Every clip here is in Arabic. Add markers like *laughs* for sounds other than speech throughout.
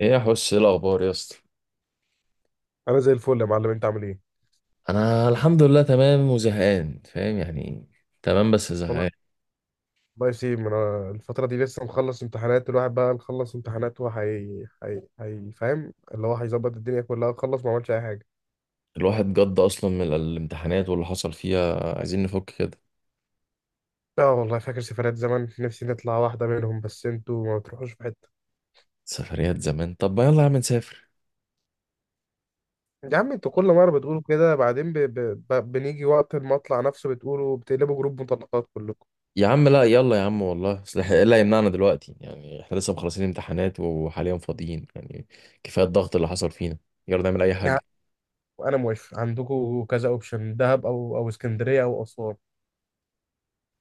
ايه يا حس، ايه الاخبار يا اسطى؟ انا زي الفل يا معلم، انت عامل ايه؟ انا الحمد لله تمام وزهقان، فاهم يعني. تمام بس والله. زهقان. الله يسلم. انا الفتره دي لسه مخلص امتحانات، الواحد بقى مخلص امتحانات وهي هي هي، فاهم؟ اللي هو هيظبط الدنيا كلها، خلص ما عملش اي حاجه. الواحد جد اصلا من الامتحانات واللي حصل فيها، عايزين نفك كده. اه والله، فاكر سفرات زمان، نفسي نطلع واحده منهم، بس انتوا ما بتروحوش في حته. سفريات زمان؟ طب ما يلا يا عم نسافر. يا عم، انتوا كل مره بتقولوا كده، بعدين بنيجي وقت المطلع نفسه بتقولوا بتقلبوا جروب مطلقات كلكم. يا عم لا يلا يا عم، والله اصل ايه اللي هيمنعنا دلوقتي؟ يعني احنا لسه مخلصين امتحانات وحاليا فاضيين يعني. كفايه الضغط اللي حصل فينا. يلا نعمل اي يا عم، حاجه. انا موافق، عندكم كذا اوبشن، دهب او اسكندريه او اسوان.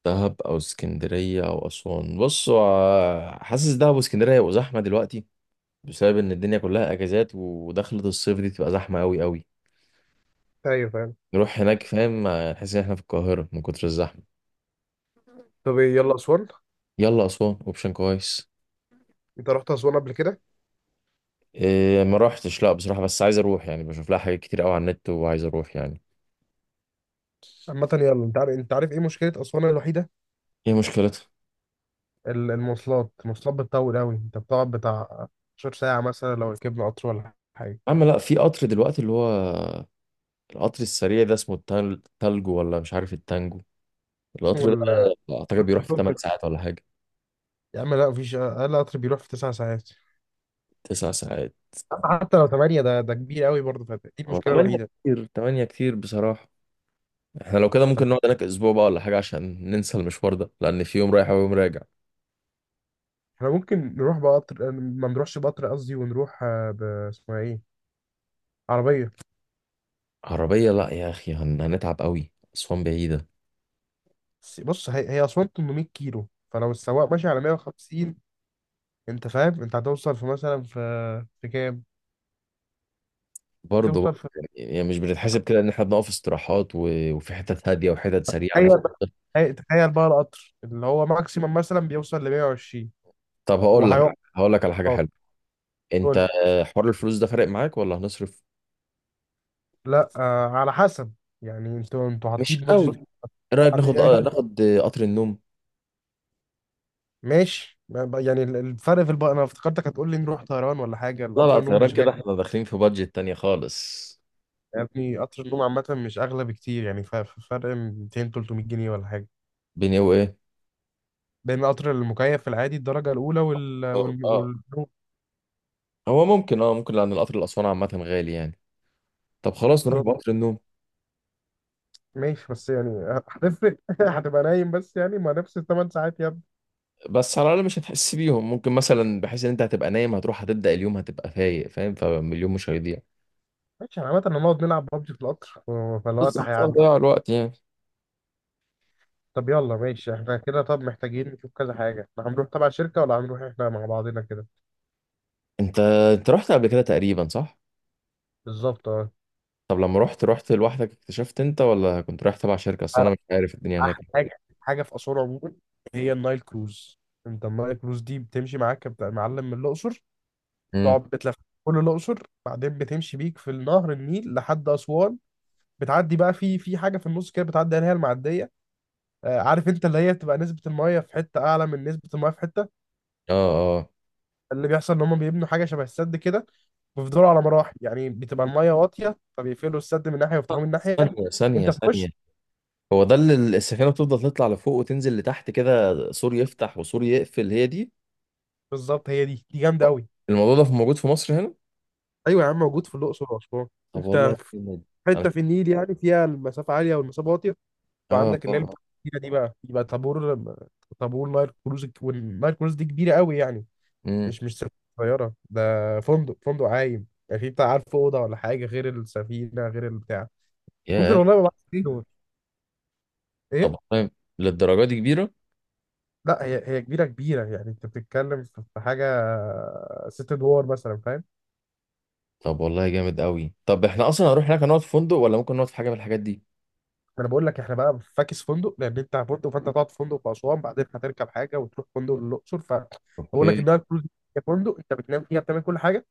دهب او اسكندريه او اسوان؟ بص، هو حاسس دهب واسكندريه هيبقوا زحمه دلوقتي، بسبب ان الدنيا كلها اجازات، ودخلة الصيف دي تبقى زحمه قوي قوي. ايوه فاهم. نروح هناك فاهم نحس ان احنا في القاهره من كتر الزحمه. طب إيه، يلا اسوان. يلا اسوان اوبشن كويس. انت رحت اسوان قبل كده؟ إيه، ما روحتش لا بصراحه، بس عايز اروح يعني، بشوف لها حاجات كتير قوي على النت وعايز اروح يعني. عامة يلا، انت عارف، انت عارف ايه مشكلة أسوان الوحيدة؟ ايه مشكلتها؟ المواصلات، المواصلات بتطول أوي، انت بتقعد بتاع 12 ساعة مثلا لو ركبنا قطر ولا حاجة. يا عم لا، في قطر دلوقتي اللي هو القطر السريع ده، اسمه التالجو ولا مش عارف التانجو. اسمه القطر ده ال اعتقد بيروح في 8 ساعات ولا حاجه. يا عم لا، مفيش أقل قطر بيروح في 9 ساعات. 9 ساعات. حتى لو 8، ده كبير أوي برضه، فدي هو المشكلة 8 الوحيدة. كتير، 8 كتير بصراحه. احنا لو كده طب ممكن نقعد هناك اسبوع بقى ولا حاجه، عشان ننسى المشوار ده، لان في يوم رايح ويوم راجع. احنا ممكن نروح بقطر، ما نروحش بقطر قصدي، ونروح، آه، ب اسمها ايه، عربية. عربيه؟ لا يا اخي، هنتعب قوي، اسوان بعيده. بص، هي أسوان 800 كيلو، فلو السواق ماشي على 150، انت فاهم، انت هتوصل في مثلا، في كام؟ برضه برضه توصل. يعني، يعني مش بنتحسب كده ان احنا بنقف استراحات وفي حتت هاديه وحتت سريعه تخيل مش *laughs* بقى، تخيل بقى القطر اللي هو ماكسيمم مثلا بيوصل ل 120، طب هقول وهيقف لك، هقول لك على حاجه خالص. حلوه. انت قول لي. حوار الفلوس ده فارق معاك ولا هنصرف؟ لا آه، على حسب، يعني انتوا حاطين مش قوي. بادجت. ايه رايك ناخد يعني ناخد قطر النوم؟ ماشي، يعني الفرق في انا افتكرتك هتقول لي نروح طيران ولا حاجه، لا القطر لا، النوم طيران مش غالي. كده احنا داخلين في بادجت تانية خالص. يا ابني قطر النوم عامه مش اغلى بكتير، يعني فرق 200 300 جنيه ولا حاجه، بيني وايه؟ بين القطر المكيف في العادي الدرجه الاولى، اه آه. والنوم. هو ممكن، اه ممكن، لان القطر لاسوان عامه غالي يعني. طب خلاص نروح بالظبط. بقطر النوم. ماشي بس يعني، آه، هتفرق، *laughs* هتبقى نايم، بس يعني ما نفس الـ 8 ساعات يا. بس على الاقل مش هتحس بيهم، ممكن مثلا بحيث ان انت هتبقى نايم، هتروح هتبدا اليوم هتبقى فايق فاهم، فاليوم مش هيضيع. ماشي، احنا عامة هنقعد نلعب ببجي في القطر، آه، فالوقت بالظبط، هيعدي. هتضيع الوقت يعني. طب يلا ماشي، احنا كده طب محتاجين نشوف كذا حاجة. احنا هنروح تبع شركة، ولا هنروح احنا مع بعضنا كده؟ انت، انت رحت قبل كده تقريبا صح؟ بالظبط اه. طب لما رحت، رحت لوحدك اكتشفت انت ولا كنت رايح تبع شركه؟ اصل انا مش عارف الدنيا أحلى هناك. حاجة في آثار عموما هي النايل كروز. انت النايل كروز دي بتمشي معاك، معلم، من الأقصر، امم. تقعد بتلف كل الأقصر، بعدين بتمشي بيك في النهر النيل لحد أسوان، بتعدي بقى في حاجة في النص كده بتعدي عليها المعدية. آه، عارف انت، اللي هي بتبقى نسبة المية في حتة أعلى من نسبة المية في حتة. اه اه. اللي بيحصل إن هما بيبنوا حاجة شبه السد كده، بيفضلوا على مراحل، يعني بتبقى الميه واطيه فبيقفلوا السد من ناحيه ويفتحوه من ناحيه. ثانيه ثانيه انت في ثانيه. وش. هو ده اللي السفينه بتفضل تطلع لفوق وتنزل لتحت كده، سور يفتح وسور يقفل، هي دي؟ بالظبط هي دي، جامده قوي. الموضوع ده موجود في مصر هنا؟ ايوه يا عم، موجود في الاقصر واسوان. طب انت والله في جامد. انا، حته في النيل يعني فيها المسافه عاليه والمسافه واطيه، يبقى اه عندك اللي هي اه. بتاعت الكبيرة دي، بقى يبقى طابور، طابور نايل كروز، والنايل كروز دي كبيره قوي يعني، امم. مش سفينة صغيره، ده فندق، فندق عايم يعني في بتاع عارف اوضه ولا حاجه، غير السفينه، غير البتاع. ممكن ياه. والله، ما دي، بعرف ايه. طب والله للدرجة دي كبيرة؟ لا، هي كبيره كبيره يعني، انت بتتكلم في حاجه 6 ادوار مثلا، فاهم. طب والله جامد قوي. طب احنا اصلا هنروح هناك هنقعد في فندق ولا ممكن نقعد في حاجة من الحاجات دي؟ انا بقول لك احنا بقى فاكس فندق، لان انت فندق فانت هتقعد في فندق في اسوان، بعدين هتركب حاجه وتروح فندق للاقصر، فبقول لك اوكي. انها الكروز هي فندق، انت بتنام فيها، بتعمل كل حاجه،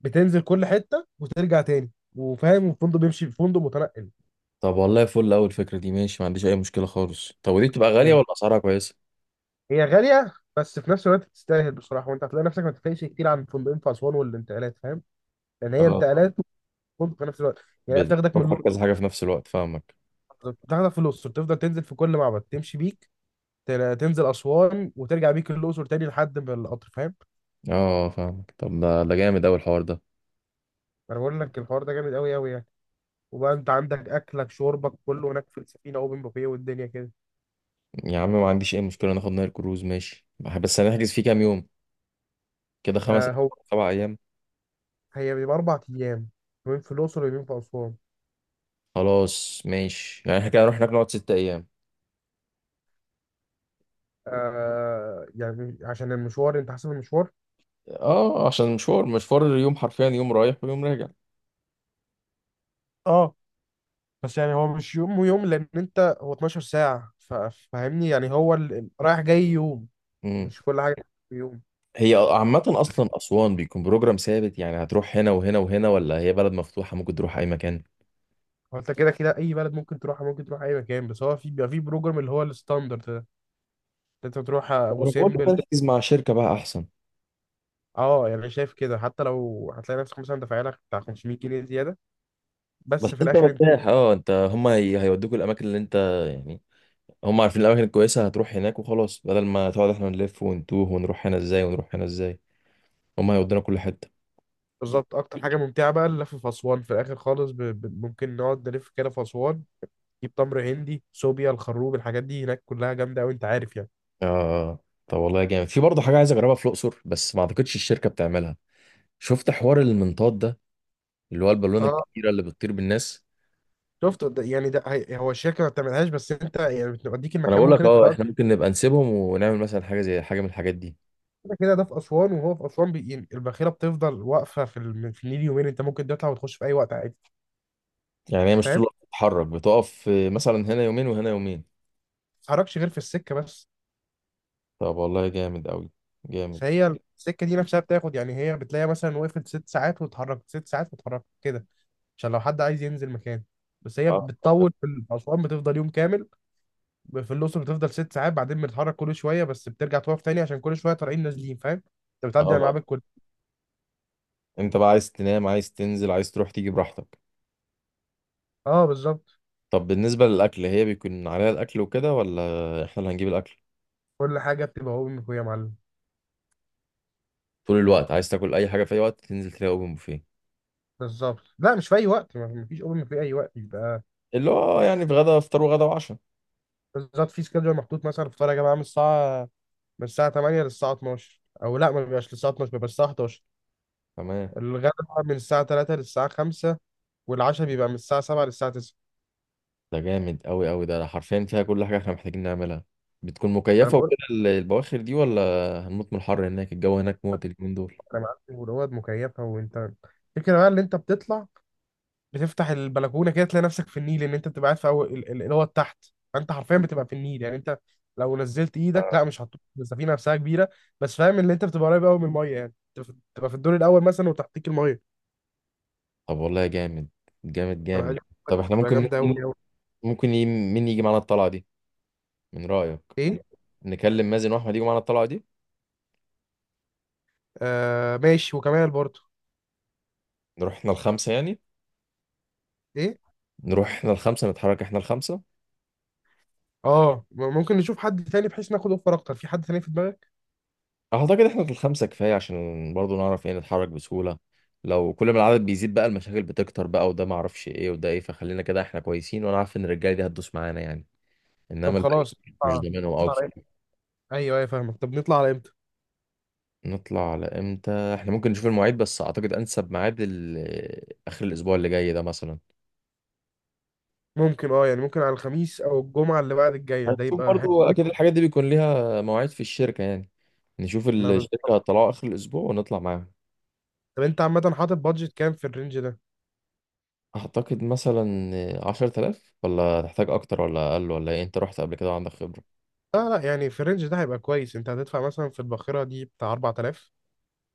بتنزل كل حته وترجع تاني، وفاهم، الفندق بيمشي، فندق متنقل. طب والله فل، اول فكرة دي ماشي ما عنديش اي مشكلة خالص. طب ودي بتبقى غالية هي ولا اسعارها كويسة؟ هي غاليه بس في نفس الوقت تستاهل بصراحه، وانت هتلاقي نفسك ما تفرقش كتير عن الفندقين في اسوان والانتقالات، فاهم، لان هي اه طب. انتقالات وفندق في نفس الوقت، يعني هي بتاخدك من، بتوفر كذا حاجة في نفس الوقت فاهمك. تاخدك في الأقصر، تفضل تنزل في كل معبد، تمشي بيك، تنزل أسوان وترجع بيك الأقصر تاني لحد ما القطر، فاهم. اه فاهمك، طب ده ده جامد اوي الحوار ده. أنا بقول لك الحوار ده جامد أوي أوي يعني، وبقى أنت عندك أكلك شربك كله هناك في السفينة أوبن بوفيه والدنيا كده. يا عم ما عنديش اي مشكلة، ناخد نايل كروز ماشي. بس هنحجز فيه كام يوم؟ كده خمس، آه هو، سبع ايام. هي بيبقى 4 أيام، يومين في الأقصر ويومين في أسوان. خلاص ماشي، يعني احنا كده هنروح هناك نقعد ست ايام. آه يعني عشان المشوار، أنت حاسب المشوار. اه عشان مشوار، مشوار يوم، حرفيا يوم رايح ويوم راجع. اه، بس يعني هو مش يوم ويوم، لأن أنت هو 12 ساعة، فاهمني، يعني هو رايح جاي يوم، امم. مش كل حاجة في يوم. هي عامة أصلا أسوان بيكون بروجرام ثابت، يعني هتروح هنا وهنا وهنا، ولا هي بلد مفتوحة ممكن تروح أي مكان؟ هو انت كده كده اي بلد ممكن تروحها، ممكن تروح اي مكان، بس هو في بيبقى في بروجرام اللي هو الستاندرد ده، انت تروح ابو أنا بقول لك سمبل. تركز مع شركة بقى أحسن. اه يعني انا شايف كده، حتى لو هتلاقي نفسك مثلا دافع لك بتاع 500 جنيه زياده، بس بس في أنت الاخر انت. مرتاح، أه أنت، هما هيودوك الأماكن اللي أنت، يعني هما عارفين الأماكن الكويسة، هتروح هناك وخلاص، بدل ما تقعد إحنا نلف ونتوه ونروح هنا إزاي ونروح هنا إزاي. هما هيودونا كل حتة. بالظبط، اكتر حاجه ممتعه بقى اللف في اسوان، في الاخر خالص ممكن نقعد نلف كده في اسوان، نجيب تمر هندي صوبيا الخروب، الحاجات دي هناك كلها جامده قوي، انت عارف يعني. آه طب والله جامد. في برضه حاجة عايز أجربها في الأقصر بس ما أعتقدش الشركة بتعملها. شفت حوار المنطاد ده، اللي هو البالونة اه، الكبيرة اللي بتطير بالناس؟ شفت ده، يعني ده هو الشركه ما بتعملهاش، بس انت يعني بتوديك ما انا المكان، بقول ممكن لك، انت. اه احنا ممكن نبقى نسيبهم ونعمل مثلا حاجه، زي حاجه من الحاجات دي. كده كده ده في أسوان، وهو في أسوان يعني الباخرة بتفضل واقفة في، في النيل يومين، أنت ممكن تطلع وتخش في أي وقت عادي، يعني هي مش فاهم؟ طول الوقت ما بتتحرك، بتقف مثلا هنا يومين وهنا يومين. تتحركش غير في السكة بس. طب والله جامد قوي، جامد. فهي السكة دي نفسها بتاخد، يعني هي بتلاقي مثلا وقفت 6 ساعات واتحركت 6 ساعات واتحركت كده، عشان لو حد عايز ينزل مكان، بس هي اه بتطول في أسوان بتفضل يوم كامل، في الأقصر بتفضل 6 ساعات، بعدين بتتحرك كل شوية بس بترجع توقف تاني، عشان كل شوية طالعين نازلين، فاهم؟ أنت بتعدي على اه. المعابد كل. انت بقى عايز تنام، عايز تنزل، عايز تروح تيجي براحتك. اه بالظبط. طب بالنسبه للاكل، هي بيكون عليها الاكل وكده ولا احنا اللي هنجيب الاكل؟ كل حاجة بتبقى أوبن بوفيه يا معلم. طول الوقت عايز تاكل اي حاجه في اي وقت، تنزل تلاقي اوبن بوفيه؟ بالظبط، لا مش في أي وقت، ما فيش أوبن بوفيه أي وقت يبقى. اللي هو يعني في غدا، افطار وغدا وعشاء. بالظبط، في سكادجول محطوط، مثلا الفطار يا جماعه من الساعه 8 للساعه 12، او لا ما بيبقاش للساعه 12، بيبقى الساعه 11. تمام. الغدا بقى من الساعه 3 للساعه 5، والعشاء بيبقى من الساعه 7 للساعه 9. ده جامد قوي قوي، ده حرفيا فيها كل حاجة احنا محتاجين نعملها. بتكون ما انا مكيفة بقول وكده لك، البواخر دي ولا هنموت من الحر هناك؟ الجو هناك موت اليومين دول. انا معاك، والاوض مكيفه، وانت الفكره بقى اللي انت بتطلع بتفتح البلكونه كده، تلاقي نفسك في النيل، ان انت بتبقى قاعد في اول الاوض تحت، فانت حرفيا بتبقى في النيل، يعني انت لو نزلت ايدك، لا آه. مش هتطوف، السفينه نفسها كبيره، بس فاهم ان انت بتبقى قريب قوي من الميه يعني، انت بتبقى في الدور الاول مثلا وتحتيك الميه. طب والله جامد، جامد انا عايز جامد. أقول طب لك احنا بتبقى ممكن جامده قوي. ممكن مين يجي معانا الطلعة دي من رأيك؟ ايه. نكلم مازن واحمد يجوا معانا الطلعة دي. آه ماشي، وكمال برضو. نروح احنا الخمسة يعني، ايه. نروح احنا الخمسة، نتحرك احنا الخمسة. اه، ممكن نشوف حد تاني بحيث ناخد اوفر اكتر، في حد تاني في دماغك؟ اعتقد احنا الخمسة كفاية، عشان برضو نعرف ايه، نتحرك بسهولة. لو كل ما العدد بيزيد بقى المشاكل بتكتر بقى، وده معرفش ايه وده ايه، فخلينا كده احنا كويسين، وانا عارف ان الرجالة دي هتدوس معانا يعني. طب انما الباقي خلاص. مش آه. ضامنهم قوي نطلع على امتى. بصراحه. ايوه ايوه فاهمك، طب نطلع على امتى. نطلع على امتى؟ احنا ممكن نشوف المواعيد، بس اعتقد انسب ميعاد اخر الاسبوع اللي جاي ده مثلا. ممكن اه، يعني ممكن على الخميس او الجمعه اللي بعد الجايه ده، هنشوف يبقى حلو برضو قوي. اكيد الحاجات دي بيكون ليها مواعيد في الشركه يعني. نشوف انا ب... الشركه هتطلعوا اخر الاسبوع ونطلع معاهم. طب انت عامه حاطط بادجت كام في الرينج ده؟ اعتقد مثلا عشرة آلاف، ولا تحتاج اكتر ولا اقل ولا ايه؟ انت رحت قبل كده وعندك خبرة. لا لا، يعني في الرينج ده هيبقى كويس، انت هتدفع مثلا في الباخره دي بتاع 4000،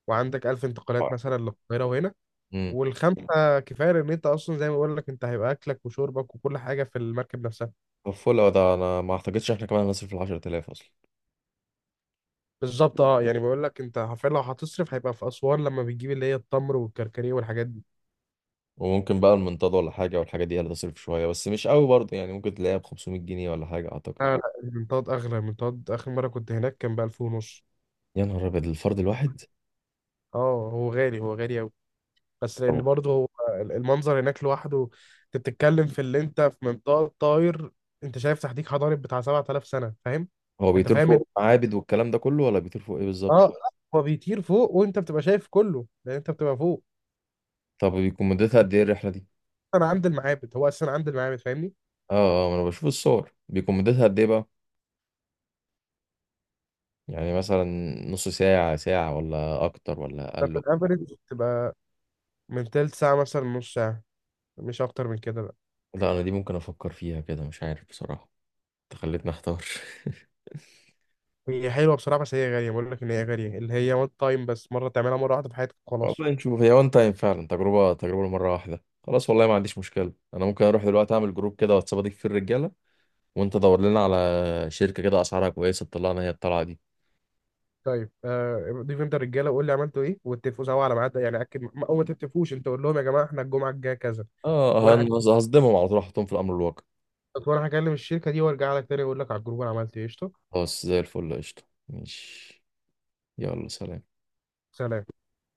وعندك 1000 انتقالات مثلا للقاهره وهنا، امم. والخمسه كفايه، ان انت اصلا زي ما بقول لك انت هيبقى اكلك وشربك وكل حاجه في المركب نفسها. طب فل أوي ده، انا ما اعتقدش احنا كمان هنصرف ال 10000 اصلا. بالظبط اه، يعني بقول لك انت حرفيا لو هتصرف هيبقى في اسوان لما بتجيب اللي هي التمر والكركديه والحاجات دي. وممكن بقى المنتدى ولا حاجه، والحاجه دي هتصرف شويه بس مش قوي برضه يعني، ممكن تلاقيها ب 500 جنيه ولا حاجه اعتقد. لا لا، المنطاد اغلى، المنطاد اخر مره كنت هناك كان ب 1000 ونص. يا نهار ابيض، الفرد الواحد؟ اه هو غالي، هو غالي قوي، بس لان طب برضه هو المنظر هناك لوحده، انت بتتكلم في اللي انت في منطاد طاير، انت شايف تحتيك حضارب بتاع 7000 سنه، فاهم. هو انت بيطير فاهم فوق معابد والكلام ده كله، ولا بيطير فوق ايه بالظبط؟ اه، هو بيطير فوق وانت بتبقى شايف كله لان انت بتبقى فوق. طب بيكون مدتها قد ايه الرحله دي؟ انا عند المعابد، هو اصلا عند المعابد، فاهمني. اه اه، ما انا بشوف الصور، بيكون مدتها قد ايه بقى؟ يعني مثلا نص ساعه، ساعه، ولا اكتر ولا ففي اقل؟ الافرج بتبقى من تلت ساعه مثلا نص ساعه، مش اكتر من كده بقى. لا انا دي ممكن افكر فيها كده، مش عارف بصراحه، انت خليتني احتار. *laughs* هي حلوه بصراحه، بس هي غاليه، بقول لك ان هي غاليه اللي هي وان تايم، بس مره، تعملها مره واحده في حياتك وخلاص. والله نشوف، هي وان تايم فعلا، تجربه تجربه مره واحده خلاص، والله ما عنديش مشكله. انا ممكن اروح دلوقتي اعمل جروب كده واتساب اضيف فيه الرجاله، وانت دور لنا على شركه كده اسعارها كويسه تطلعنا هي الطلعه دي. طيب آه، ضيف انت الرجاله وقول لي عملتوا ايه واتفقوا سوا على ميعاد، يعني اكد، او ما تتفقوش، انت قول لهم يا جماعه احنا الجمعه الجايه كذا. اه، وانا هك- هصدمهم على طول، احطهم في الامر الواقع. وانا هكلم الشركه دي وارجع لك تاني اقول لك على الجروب انا عملت ايه، قشطه. خلاص زي الفل، قشطة. ماشي، يلا سلام. سلام.